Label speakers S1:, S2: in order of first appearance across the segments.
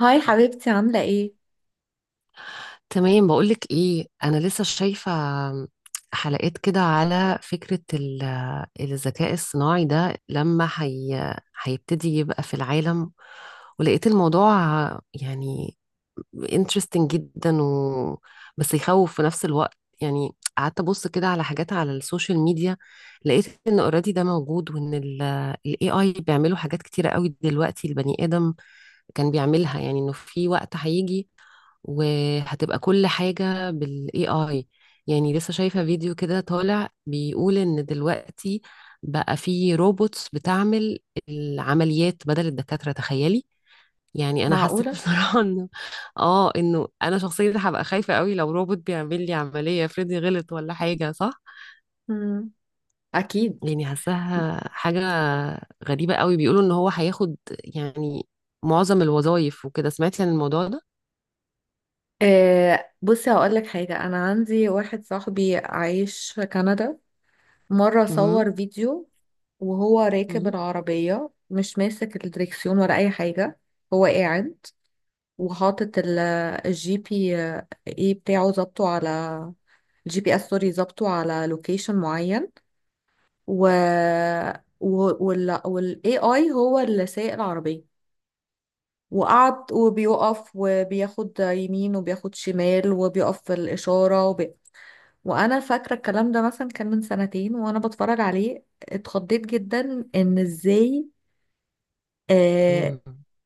S1: هاي حبيبتي، عاملة ايه؟
S2: تمام، بقولك ايه، انا لسه شايفة حلقات كده على فكرة الذكاء الصناعي ده لما هي هيبتدي يبقى في العالم، ولقيت الموضوع يعني interesting جدا. بس يخوف في نفس الوقت. يعني قعدت ابص كده على حاجات على السوشيال ميديا، لقيت ان اوريدي ده موجود، وان الاي اي بيعملوا حاجات كتيرة قوي دلوقتي البني ادم كان بيعملها. يعني انه في وقت هيجي وهتبقى كل حاجة بالاي اي. يعني لسه شايفة فيديو كده طالع بيقول ان دلوقتي بقى في روبوتس بتعمل العمليات بدل الدكاترة، تخيلي. يعني انا حسيت
S1: معقولة؟
S2: بصراحة انه انا شخصيا هبقى خايفة قوي لو روبوت بيعمل لي عملية، افرضي غلط ولا حاجة، صح؟
S1: مم. أكيد.
S2: يعني حاساها حاجة غريبة قوي. بيقولوا ان هو هياخد يعني معظم الوظائف وكده. سمعتي عن الموضوع ده؟
S1: آه، بصي هقولك حاجة. أنا عندي واحد صاحبي عايش في كندا. مرة
S2: امم.
S1: صور فيديو وهو راكب العربية، مش ماسك الدريكسيون ولا أي حاجة. هو قاعد وحاطط الجي بي ايه بتاعه، ظابطه على الجي بي اس، سوري، ظابطه على لوكيشن معين، و والاي اي هو اللي سايق العربية. وقعد وبيقف وبياخد يمين وبياخد شمال وبيقف في الإشارة وأنا فاكرة الكلام ده مثلا كان من سنتين، وأنا بتفرج عليه اتخضيت جدا إن إزاي، آه،
S2: امم.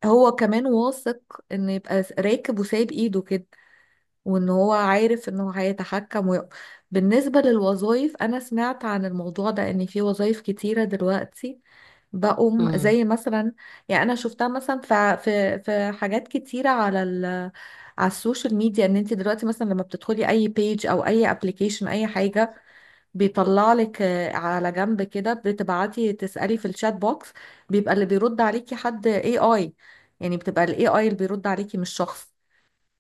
S1: هو كمان واثق إن يبقى راكب وسايب إيده كده، وان هو عارف ان هو هيتحكم بالنسبة للوظائف، انا سمعت عن الموضوع ده ان في وظائف كتيرة دلوقتي بقوم،
S2: امم.
S1: زي مثلا، يعني انا شفتها مثلا في حاجات كتيرة على على السوشيال ميديا، ان انت دلوقتي مثلا لما بتدخلي اي بيج او اي ابلكيشن اي حاجة، بيطلع لك، على جنب كده، بتبعتي تسألي في الشات بوكس، بيبقى اللي بيرد عليكي حد اي اي. يعني بتبقى الاي اي اللي بيرد عليكي مش شخص.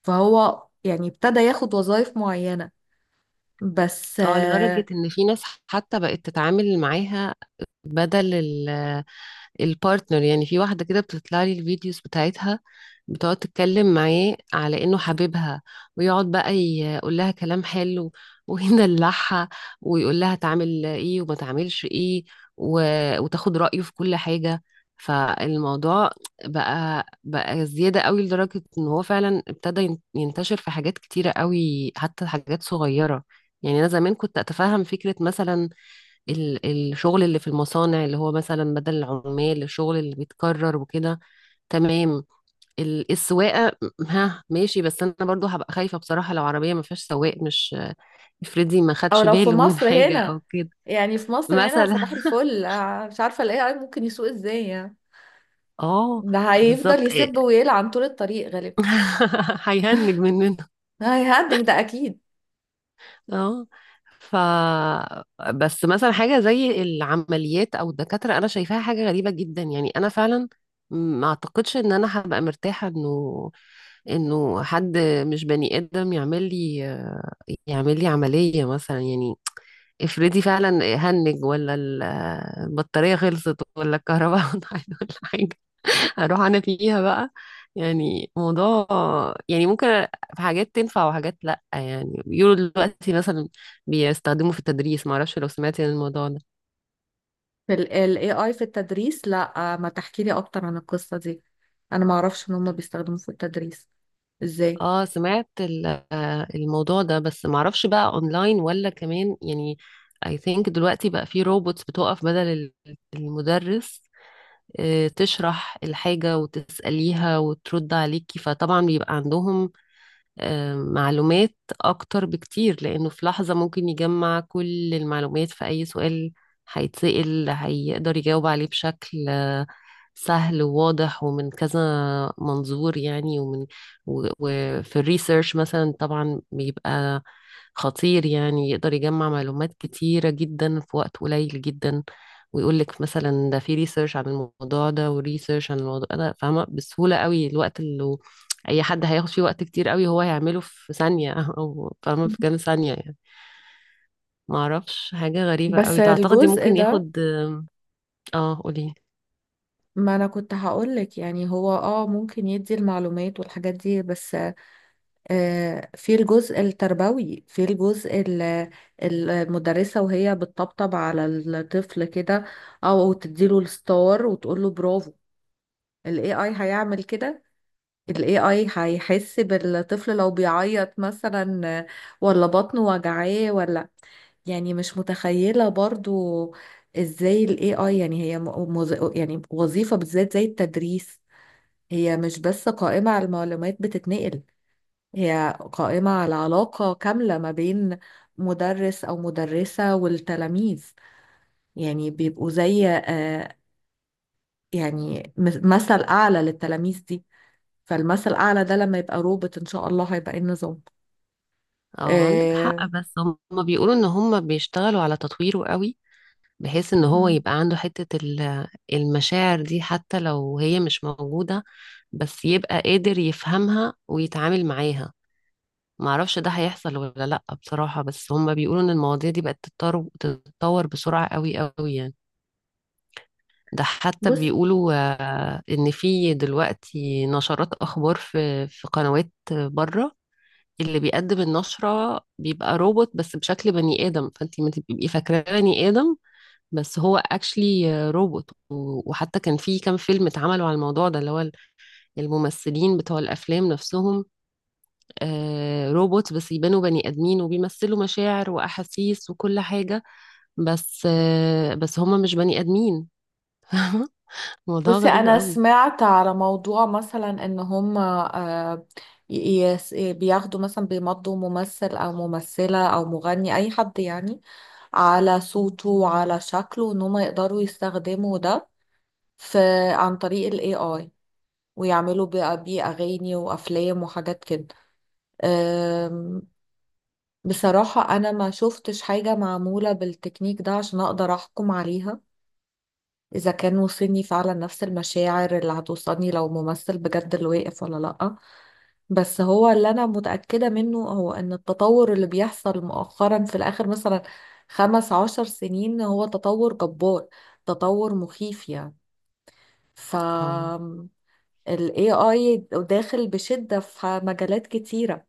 S1: فهو يعني ابتدى ياخد وظائف معينة، بس
S2: اه، لدرجة ان في ناس حتى بقت تتعامل معاها بدل البارتنر. يعني في واحدة كده بتطلع لي الفيديوز بتاعتها، بتقعد تتكلم معاه على انه حبيبها، ويقعد بقى يقول لها كلام حلو ويدلعها، ويقول لها تعمل ايه وما تعملش ايه، و... وتاخد رأيه في كل حاجة. فالموضوع بقى زيادة قوي، لدرجة ان هو فعلا ابتدى ينتشر في حاجات كتيرة قوي، حتى حاجات صغيرة. يعني انا زمان كنت اتفهم فكرة مثلا ال- الشغل اللي في المصانع، اللي هو مثلا بدل العمال الشغل اللي بيتكرر وكده، تمام. السواقة م- ها ماشي، بس انا برضو هبقى خايفة بصراحة لو عربية ما فيهاش سواق، مش افرضي ما
S1: او
S2: خدش
S1: لو في
S2: باله من
S1: مصر
S2: حاجة او
S1: هنا،
S2: كده.
S1: يعني في مصر هنا
S2: مثلا،
S1: صباح الفل، مش عارفة الاي اي ممكن يسوق ازاي يعني.
S2: اه،
S1: ده هيفضل
S2: بالظبط إيه.
S1: يسب ويلعن طول الطريق غالبا.
S2: هيهنج مننا.
S1: هيهدد ده اكيد.
S2: اه. ف بس مثلا حاجة زي العمليات او الدكاترة انا شايفاها حاجة غريبة جدا. يعني انا فعلا ما اعتقدش ان انا هبقى مرتاحة انه حد مش بني ادم يعمل لي عملية مثلا. يعني افرضي فعلا هنج، ولا البطارية خلصت، ولا الكهرباء قطعت ولا حاجة، هروح انا فيها بقى. يعني موضوع، يعني ممكن. في حاجات تنفع وحاجات لا. يعني بيقولوا دلوقتي مثلا بيستخدموا في التدريس، معرفش لو سمعتي عن الموضوع ده.
S1: في الاي اي في التدريس؟ لا ما تحكي لي اكتر عن القصة دي، انا ما اعرفش ان هم بيستخدموه في التدريس ازاي.
S2: اه سمعت الموضوع ده، بس معرفش بقى اونلاين ولا كمان يعني. I think دلوقتي بقى في روبوتس بتقف بدل المدرس، تشرح الحاجة وتسأليها وترد عليكي. فطبعا بيبقى عندهم معلومات أكتر بكتير، لأنه في لحظة ممكن يجمع كل المعلومات في أي سؤال هيتسأل، هيقدر يجاوب عليه بشكل سهل وواضح، ومن كذا منظور يعني، وفي الريسيرش مثلا طبعا بيبقى خطير، يعني يقدر يجمع معلومات كتيرة جدا في وقت قليل جدا. ويقول لك مثلا ده في ريسيرش عن الموضوع ده وريسيرش عن الموضوع ده، فاهمة؟ بسهولة قوي، الوقت اللي اي حد هياخد فيه وقت كتير قوي هو هيعمله في ثانية او فاهمة في كام ثانية. يعني ما اعرفش، حاجة غريبة
S1: بس
S2: قوي. تعتقدي
S1: الجزء
S2: ممكن
S1: ده،
S2: ياخد؟ اه قولي.
S1: ما انا كنت هقولك، يعني هو ممكن يدي المعلومات والحاجات دي، بس في الجزء التربوي، في الجزء المدرسة وهي بتطبطب على الطفل كده، أو تديله الستار وتقوله برافو. ال AI هيعمل كده؟ ال AI هيحس بالطفل لو بيعيط مثلا، ولا بطنه وجعاه، ولا؟ يعني مش متخيلة برضو ازاي ال AI، يعني وظيفة بالذات زي التدريس هي مش بس قائمة على المعلومات بتتنقل، هي قائمة على علاقة كاملة ما بين مدرس أو مدرسة والتلاميذ. يعني بيبقوا زي، يعني، مثل أعلى للتلاميذ دي. فالمثل الأعلى ده لما يبقى روبوت، إن شاء الله هيبقى إيه النظام.
S2: اه عندك حق،
S1: آه.
S2: بس هم بيقولوا ان هم بيشتغلوا على تطويره قوي، بحيث ان هو
S1: مم.
S2: يبقى عنده حتة المشاعر دي، حتى لو هي مش موجودة، بس يبقى قادر يفهمها ويتعامل معاها. معرفش ده هيحصل ولا لأ بصراحة، بس هم بيقولوا ان المواضيع دي بقت تتطور تتطور بسرعة قوي قوي يعني. ده حتى
S1: بص.
S2: بيقولوا ان في دلوقتي نشرات اخبار في قنوات بره، اللي بيقدم النشرة بيبقى روبوت، بس بشكل بني آدم، فانتي ما تبقي فاكراه بني آدم، بس هو اكشلي روبوت. وحتى كان في كام فيلم اتعملوا على الموضوع ده، اللي هو الممثلين بتوع الافلام نفسهم روبوت، بس يبانوا بني ادمين، وبيمثلوا مشاعر واحاسيس وكل حاجة، بس بس هما مش بني ادمين. موضوع
S1: بصي
S2: غريب
S1: انا
S2: قوي.
S1: سمعت على موضوع مثلا ان هم، ي- بياخدوا مثلا، بيمضوا ممثل او ممثلة او مغني، اي حد يعني، على صوته وعلى شكله، ان هم يقدروا يستخدموا ده في، عن طريق ال AI، ويعملوا بقى بيه أغاني وأفلام وحاجات كده. أم، بصراحة أنا ما شفتش حاجة معمولة بالتكنيك ده عشان أقدر أحكم عليها إذا كان وصلني فعلا نفس المشاعر اللي هتوصلني لو ممثل بجد اللي واقف ولا لأ. بس هو اللي أنا متأكدة منه هو إن التطور اللي بيحصل مؤخرا في الآخر مثلا 15 سنين هو تطور جبار، تطور مخيف يعني. ف
S2: اه.
S1: ال AI داخل بشدة في مجالات كتيرة،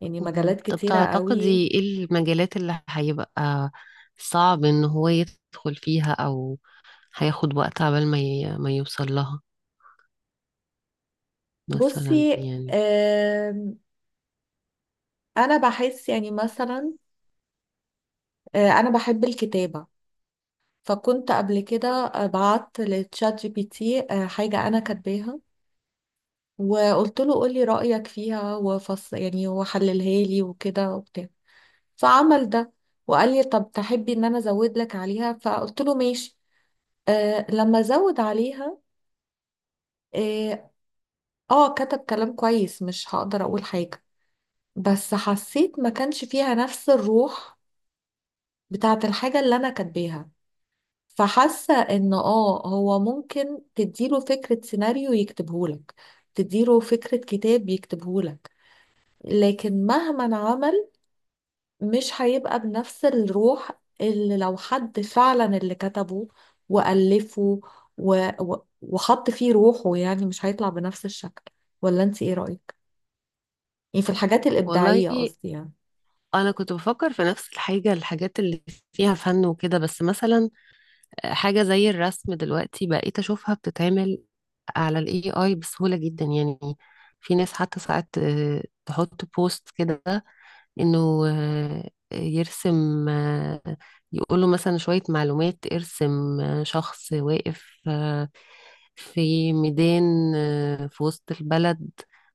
S1: يعني
S2: مم.
S1: مجالات
S2: طب
S1: كتيرة قوي.
S2: تعتقدي ايه المجالات اللي هيبقى صعب ان هو يدخل فيها، او هياخد وقت عبال ما يوصل لها، مثلا
S1: بصي،
S2: يعني؟
S1: آم، أنا بحس يعني مثلا، أنا بحب الكتابة، فكنت قبل كده، بعت لتشات جي بي تي، حاجة أنا كاتباها، وقلت له قولي رأيك فيها وفص، يعني وحللها لي وكده وبتاع. فعمل ده، وقال لي طب تحبي إن أنا أزود لك عليها، فقلت له ماشي، لما أزود عليها، آه، اه كتب كلام كويس، مش هقدر اقول حاجة، بس حسيت ما كانش فيها نفس الروح بتاعت الحاجة اللي انا كاتباها. فحاسة ان هو ممكن تديله فكرة سيناريو يكتبهولك، تديله فكرة كتاب يكتبهولك، لكن مهما عمل مش هيبقى بنفس الروح اللي لو حد فعلا اللي كتبه وألفه و... و... وحط فيه روحه. يعني مش هيطلع بنفس الشكل. ولا انت ايه رأيك؟ يعني في الحاجات
S2: والله
S1: الإبداعية قصدي يعني.
S2: انا كنت بفكر في نفس الحاجة، الحاجات اللي فيها فن وكده. بس مثلا حاجة زي الرسم دلوقتي بقيت اشوفها بتتعمل على الاي اي بسهولة جدا. يعني في ناس حتى ساعات تحط بوست كده انه يرسم، يقوله مثلا شوية معلومات، ارسم شخص واقف في ميدان في وسط البلد،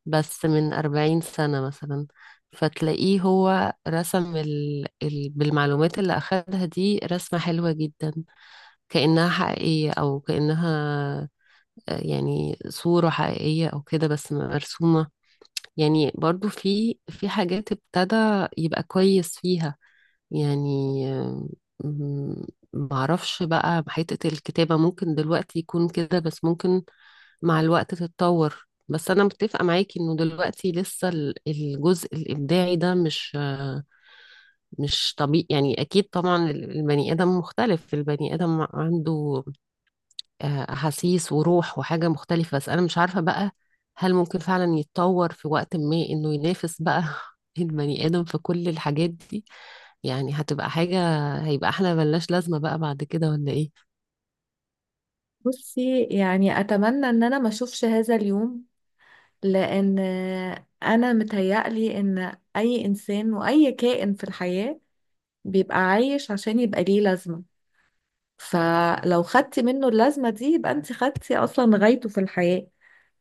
S2: بس من 40 سنة مثلا. فتلاقيه هو رسم بالمعلومات اللي أخدها دي رسمة حلوة جدا، كأنها حقيقية، أو كأنها يعني صورة حقيقية أو كده، بس مرسومة. يعني برضو في حاجات ابتدى يبقى كويس فيها. يعني م- معرفش بقى حتة الكتابة ممكن دلوقتي يكون كده، بس ممكن مع الوقت تتطور. بس أنا متفقة معاكي إنه دلوقتي لسه الجزء الإبداعي ده مش طبيعي. يعني أكيد طبعا البني آدم مختلف، البني آدم عنده آه، أحاسيس وروح وحاجة مختلفة. بس أنا مش عارفة بقى هل ممكن فعلا يتطور في وقت ما إنه ينافس بقى البني آدم في كل الحاجات دي. يعني هتبقى حاجة، هيبقى احنا ملناش لازمة بقى بعد كده ولا إيه؟
S1: بصي، يعني أتمنى إن أنا ما أشوفش هذا اليوم، لأن أنا متهيألي إن أي إنسان وأي كائن في الحياة بيبقى عايش عشان يبقى ليه لازمة. فلو خدتي منه اللازمة دي يبقى أنت خدتي أصلا غايته في الحياة.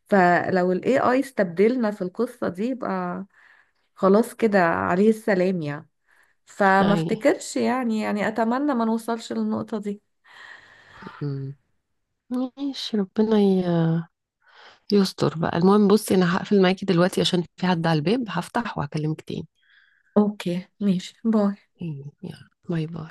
S1: فلو ال AI استبدلنا في القصة دي يبقى خلاص كده، عليه السلام يعني. فما
S2: هاي.
S1: افتكرش، يعني، يعني أتمنى ما نوصلش للنقطة دي.
S2: مم. ماشي، ربنا يستر بقى. المهم، بصي أنا هقفل معاكي دلوقتي عشان في حد على الباب، هفتح وهكلمك تاني.
S1: أوكي ماشي، باي.
S2: يلا باي باي.